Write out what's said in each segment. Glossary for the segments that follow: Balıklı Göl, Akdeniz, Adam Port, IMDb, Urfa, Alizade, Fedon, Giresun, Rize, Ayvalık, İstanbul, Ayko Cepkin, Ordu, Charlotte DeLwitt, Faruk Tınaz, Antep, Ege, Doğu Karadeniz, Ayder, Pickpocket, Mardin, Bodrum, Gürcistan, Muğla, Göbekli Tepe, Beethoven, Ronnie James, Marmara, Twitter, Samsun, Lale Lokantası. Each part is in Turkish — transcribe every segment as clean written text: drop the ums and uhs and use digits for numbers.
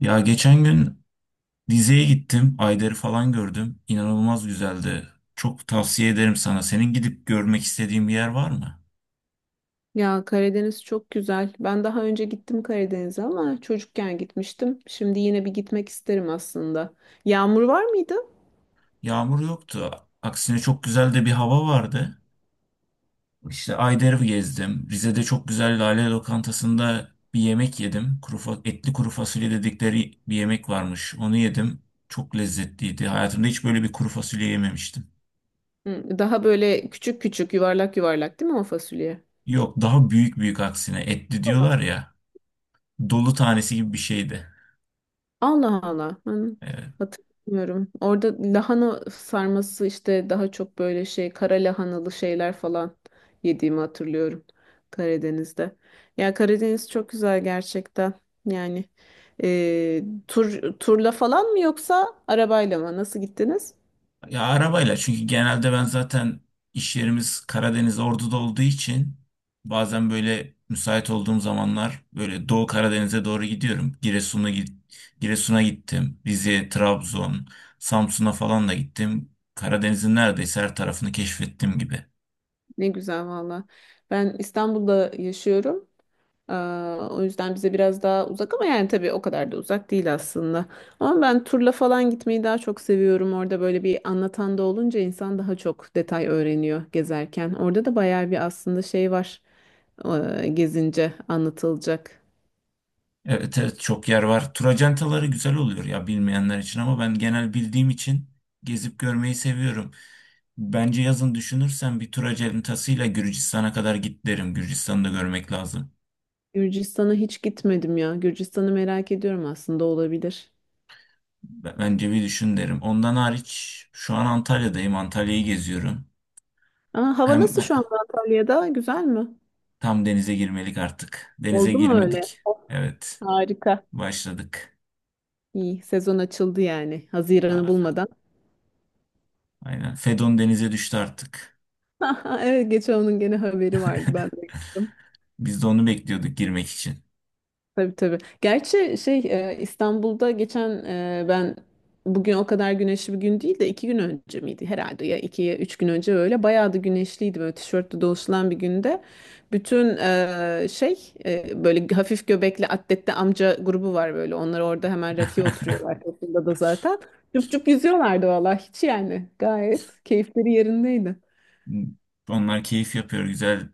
Ya geçen gün dizeye gittim. Ayder'i falan gördüm. İnanılmaz güzeldi. Çok tavsiye ederim sana. Senin gidip görmek istediğin bir yer var mı? Ya Karadeniz çok güzel. Ben daha önce gittim Karadeniz'e ama çocukken gitmiştim. Şimdi yine bir gitmek isterim aslında. Yağmur var mıydı? Yağmur yoktu. Aksine çok güzel de bir hava vardı. İşte Ayder'i gezdim. Rize'de çok güzel Lale Lokantası'nda bir yemek yedim. Etli kuru fasulye dedikleri bir yemek varmış. Onu yedim. Çok lezzetliydi. Hayatımda hiç böyle bir kuru fasulye yememiştim. Hı, daha böyle küçük küçük yuvarlak yuvarlak değil mi o fasulye? Yok, daha büyük büyük aksine. Etli diyorlar ya. Dolu tanesi gibi bir şeydi. Allah Allah. Ben Evet. hatırlamıyorum. Orada lahana sarması işte daha çok böyle şey kara lahanalı şeyler falan yediğimi hatırlıyorum Karadeniz'de. Ya Karadeniz çok güzel gerçekten. Yani e, turla falan mı yoksa arabayla mı? Nasıl gittiniz? Ya arabayla, çünkü genelde ben zaten iş yerimiz Karadeniz Ordu'da olduğu için bazen böyle müsait olduğum zamanlar böyle Doğu Karadeniz'e doğru gidiyorum. Giresun'a gittim. Rize, Trabzon, Samsun'a falan da gittim. Karadeniz'in neredeyse her tarafını keşfettim gibi. Ne güzel valla. Ben İstanbul'da yaşıyorum. Aa, o yüzden bize biraz daha uzak ama yani tabii o kadar da uzak değil aslında. Ama ben turla falan gitmeyi daha çok seviyorum. Orada böyle bir anlatan da olunca insan daha çok detay öğreniyor gezerken. Orada da bayağı bir aslında şey var gezince anlatılacak. Evet evet, çok yer var. Tur acentaları güzel oluyor ya bilmeyenler için ama ben genel bildiğim için gezip görmeyi seviyorum. Bence yazın düşünürsen bir tur aceletasıyla Gürcistan'a kadar git derim. Gürcistan'ı da görmek lazım. Gürcistan'a hiç gitmedim ya. Gürcistan'ı merak ediyorum aslında olabilir. Bence bir düşün derim. Ondan hariç şu an Antalya'dayım. Antalya'yı geziyorum. Aa, hava Hem nasıl şu anda Antalya'da? Güzel mi? tam denize girmelik artık. Denize Oldu mu öyle? girmedik. Of, Evet, harika. başladık. İyi, sezon açıldı yani. Haziran'ı Aa, bulmadan. aynen. Fedon denize düştü artık. Evet geçen onun gene haberi vardı ben de gördüm. Biz de onu bekliyorduk girmek için. Tabii tabii. Gerçi şey İstanbul'da geçen ben bugün o kadar güneşli bir gün değil de iki gün önce miydi herhalde ya iki ya üç gün önce öyle bayağı da güneşliydi böyle tişörtle dolaşılan bir günde. Bütün şey böyle hafif göbekli atletli amca grubu var böyle onlar orada hemen rakıya oturuyorlar toplumda da zaten. Cüp cüp yüzüyorlardı vallahi hiç yani gayet keyifleri yerindeydi. Hmm. Onlar keyif yapıyor, güzel.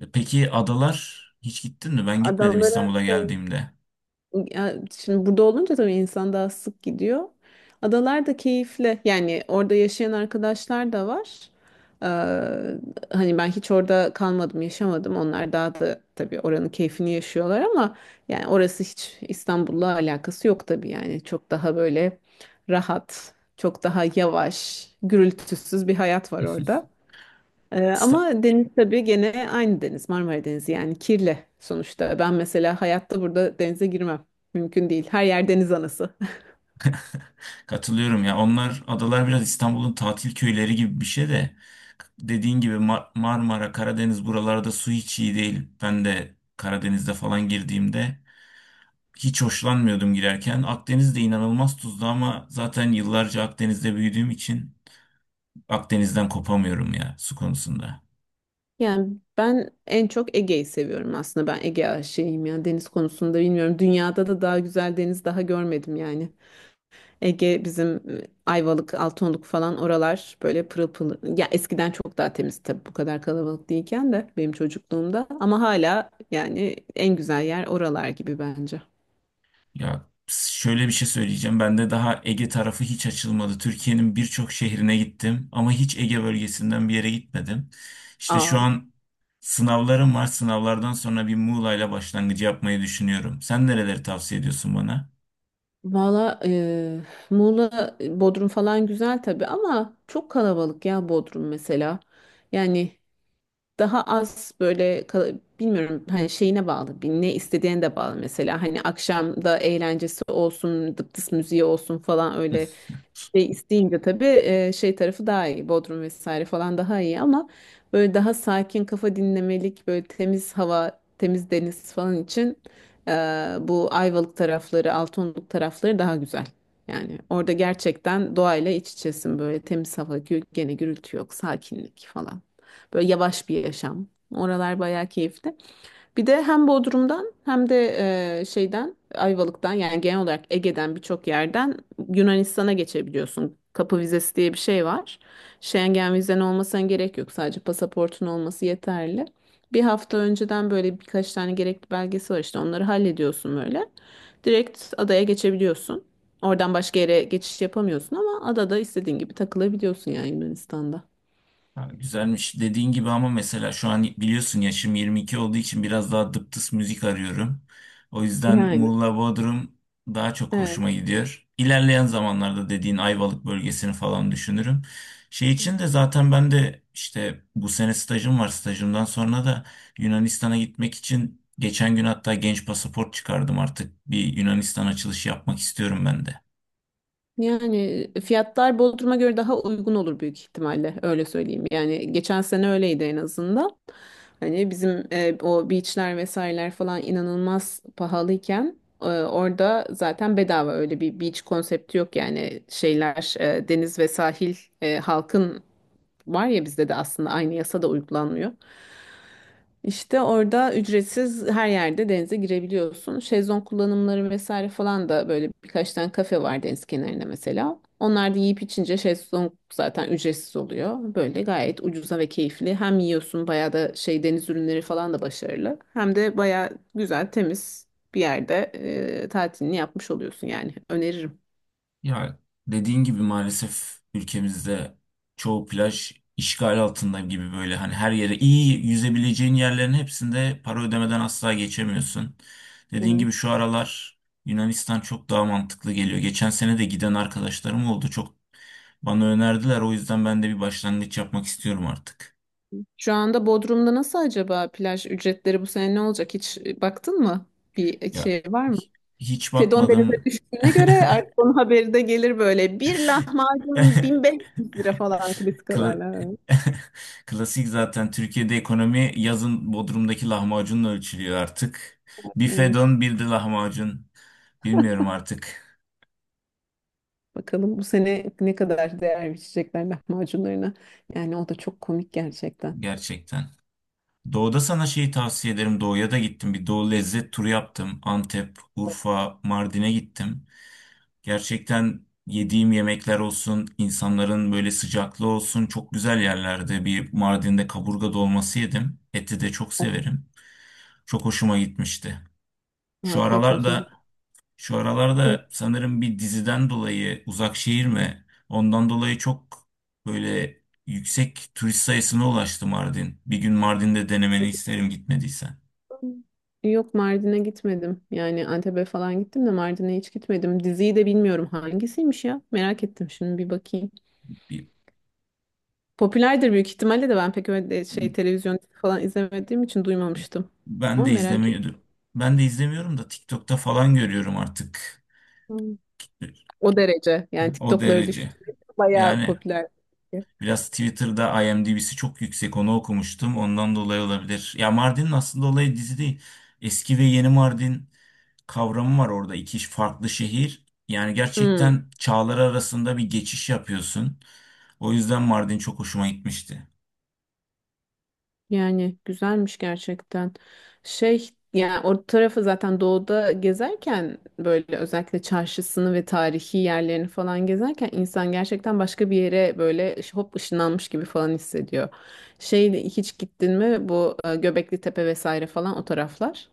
Peki adalar hiç gittin mi? Ben gitmedim Adamlara İstanbul'a geldiğimde. ya şimdi burada olunca tabii insan daha sık gidiyor. Adalar da keyifli. Yani orada yaşayan arkadaşlar da var. Ee, Hani ben hiç orada kalmadım, yaşamadım. Onlar daha da tabii oranın keyfini yaşıyorlar ama yani orası hiç İstanbul'la alakası yok tabii yani. Çok daha böyle rahat, çok daha yavaş, gürültüsüz bir hayat var orada. İsta- Ama deniz tabii gene aynı deniz Marmara Denizi yani kirli sonuçta. Ben mesela hayatta burada denize girmem. Mümkün değil. Her yer deniz anası. Katılıyorum ya. Onlar adalar biraz İstanbul'un tatil köyleri gibi bir şey de dediğin gibi Marmara, Karadeniz buralarda su hiç iyi değil. Ben de Karadeniz'de falan girdiğimde hiç hoşlanmıyordum girerken. Akdeniz de inanılmaz tuzlu ama zaten yıllarca Akdeniz'de büyüdüğüm için Akdeniz'den kopamıyorum ya su konusunda. Yani ben en çok Ege'yi seviyorum aslında. Ben Ege aşığıyım ya deniz konusunda bilmiyorum. Dünyada da daha güzel deniz daha görmedim yani. Ege bizim Ayvalık, Altınoluk falan oralar böyle pırıl pırıl. Ya eskiden çok daha temiz tabii bu kadar kalabalık değilken de benim çocukluğumda. Ama hala yani en güzel yer oralar gibi bence. Ya şöyle bir şey söyleyeceğim. Ben de daha Ege tarafı hiç açılmadı. Türkiye'nin birçok şehrine gittim ama hiç Ege bölgesinden bir yere gitmedim. İşte şu Aa. an sınavlarım var. Sınavlardan sonra bir Muğla'yla başlangıcı yapmayı düşünüyorum. Sen nereleri tavsiye ediyorsun bana? Valla Muğla, Bodrum falan güzel tabii ama çok kalabalık ya Bodrum mesela. Yani daha az böyle bilmiyorum hani şeyine bağlı bir ne istediğine de bağlı mesela hani akşamda eğlencesi olsun dıptıs müziği olsun falan öyle şey isteyince tabii şey tarafı daha iyi Bodrum vesaire falan daha iyi ama böyle daha sakin kafa dinlemelik böyle temiz hava temiz deniz falan için e, bu Ayvalık tarafları Altınoluk tarafları daha güzel. Yani orada gerçekten doğayla iç içesin böyle temiz hava gene gürültü yok sakinlik falan. Böyle yavaş bir yaşam. Oralar bayağı keyifli. Bir de hem Bodrum'dan hem de şeyden Ayvalık'tan yani genel olarak Ege'den birçok yerden Yunanistan'a geçebiliyorsun. Kapı vizesi diye bir şey var. Schengen vizen olmasına gerek yok. Sadece pasaportun olması yeterli. Bir hafta önceden böyle birkaç tane gerekli belgesi var işte onları hallediyorsun böyle. Direkt adaya geçebiliyorsun. Oradan başka yere geçiş yapamıyorsun ama adada istediğin gibi takılabiliyorsun yani Yunanistan'da. Ha, güzelmiş. Dediğin gibi ama mesela şu an biliyorsun yaşım 22 olduğu için biraz daha dıptıs müzik arıyorum. O yüzden Yani. Muğla Bodrum daha çok Evet. hoşuma gidiyor. İlerleyen zamanlarda dediğin Ayvalık bölgesini falan düşünürüm. Şey için de zaten ben de işte bu sene stajım var. Stajımdan sonra da Yunanistan'a gitmek için geçen gün hatta genç pasaport çıkardım artık. Bir Yunanistan açılışı yapmak istiyorum ben de. Yani fiyatlar Bodrum'a göre daha uygun olur büyük ihtimalle öyle söyleyeyim. Yani geçen sene öyleydi en azından. Hani bizim o beachler vesaireler falan inanılmaz pahalıyken orada zaten bedava öyle bir beach konsepti yok yani şeyler deniz ve sahil halkın var ya bizde de aslında aynı yasa da uygulanmıyor. İşte orada ücretsiz her yerde denize girebiliyorsun. Şezlong kullanımları vesaire falan da böyle birkaç tane kafe var deniz kenarında mesela. Onlar da yiyip içince şezlong zaten ücretsiz oluyor. Böyle gayet ucuza ve keyifli. Hem yiyorsun bayağı da şey deniz ürünleri falan da başarılı. Hem de bayağı güzel, temiz bir yerde tatilini yapmış oluyorsun yani. Öneririm. Ya dediğin gibi maalesef ülkemizde çoğu plaj işgal altında gibi, böyle hani her yere iyi yüzebileceğin yerlerin hepsinde para ödemeden asla geçemiyorsun. Dediğin Hı. gibi şu aralar Yunanistan çok daha mantıklı geliyor. Geçen sene de giden arkadaşlarım oldu. Çok bana önerdiler. O yüzden ben de bir başlangıç yapmak istiyorum artık. Şu anda Bodrum'da nasıl acaba plaj ücretleri bu sene ne olacak? Hiç baktın mı? Bir Ya şey var mı? hiç Fedon denize bakmadım. düştüğüne göre artık onun haberi de gelir böyle. Bir lahmacun 1500 lira falan klasik Kla- haberler. Klasik zaten Türkiye'de ekonomi yazın Bodrum'daki lahmacunla ölçülüyor artık. Bir Evet. fedon bir de lahmacun. Bilmiyorum artık Bakalım bu sene ne kadar değer biçecekler lahmacunlarına. Yani o da çok komik gerçekten. gerçekten. Doğu'da sana şeyi tavsiye ederim. Doğu'ya da gittim. Bir Doğu lezzet turu yaptım. Antep, Urfa, Mardin'e gittim. Gerçekten yediğim yemekler olsun, insanların böyle sıcaklığı olsun, çok güzel yerlerde. Bir Mardin'de kaburga dolması yedim. Eti de çok severim. Çok hoşuma gitmişti. Şu Afiyet olsun. aralarda Şu aralarda sanırım bir diziden dolayı uzak şehir mi? Ondan dolayı çok böyle yüksek turist sayısına ulaştı Mardin. Bir gün Mardin'de denemeni isterim gitmediysen. Yok Mardin'e gitmedim. Yani Antep'e falan gittim de Mardin'e hiç gitmedim. Diziyi de bilmiyorum hangisiymiş ya. Merak ettim şimdi bir bakayım. Bir, Popülerdir büyük ihtimalle de ben pek öyle şey televizyon falan izlemediğim için duymamıştım. ben Ama de merak ettim. izlemiyordum. Ben de izlemiyorum da TikTok'ta falan görüyorum artık. O derece. Yani O TikTok'ları derece. düştü. Bayağı Yani popüler. Biraz Twitter'da IMDb'si çok yüksek, onu okumuştum. Ondan dolayı olabilir. Ya Mardin'in aslında olayı dizi değil. Eski ve yeni Mardin kavramı var orada. İki farklı şehir. Yani Hmm. gerçekten çağlar arasında bir geçiş yapıyorsun. O yüzden Mardin çok hoşuma gitmişti. Yani güzelmiş gerçekten. Şey yani o tarafı zaten doğuda gezerken böyle özellikle çarşısını ve tarihi yerlerini falan gezerken insan gerçekten başka bir yere böyle hop ışınlanmış gibi falan hissediyor. Şey hiç gittin mi bu Göbekli Tepe vesaire falan o taraflar?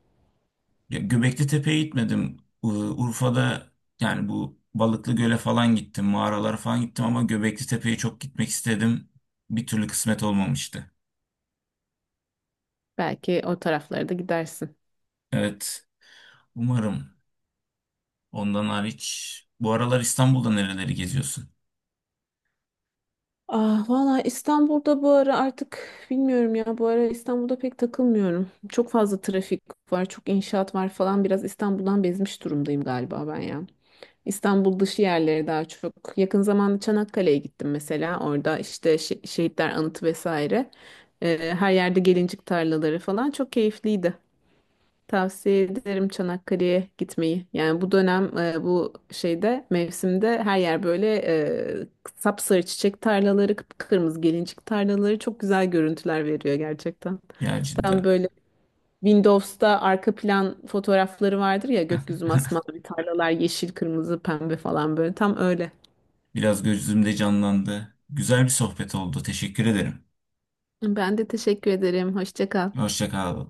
Ya Göbekli Tepe'ye gitmedim. Urfa'da yani bu Balıklı Göl'e falan gittim. Mağaralara falan gittim ama Göbekli Tepe'ye çok gitmek istedim. Bir türlü kısmet olmamıştı. Belki o taraflara da gidersin. Evet. Umarım. Ondan hariç bu aralar İstanbul'da nereleri geziyorsun? Ah valla İstanbul'da bu ara artık bilmiyorum ya bu ara İstanbul'da pek takılmıyorum. Çok fazla trafik var, çok inşaat var falan biraz İstanbul'dan bezmiş durumdayım galiba ben ya. İstanbul dışı yerlere daha çok. Yakın zamanda Çanakkale'ye gittim mesela. Orada işte şehitler anıtı vesaire. Her yerde gelincik tarlaları falan çok keyifliydi. Tavsiye ederim Çanakkale'ye gitmeyi. Yani bu dönem bu şeyde mevsimde her yer böyle e, sapsarı çiçek tarlaları, kıpkırmızı gelincik tarlaları çok güzel görüntüler veriyor gerçekten. Ya Tam cidden. böyle Windows'ta arka plan fotoğrafları vardır ya gökyüzü masmavi tarlalar yeşil, kırmızı, pembe falan böyle tam öyle. Biraz gözümde canlandı. Güzel bir sohbet oldu. Teşekkür ederim. Ben de teşekkür ederim. Hoşça kal. Hoşça kal.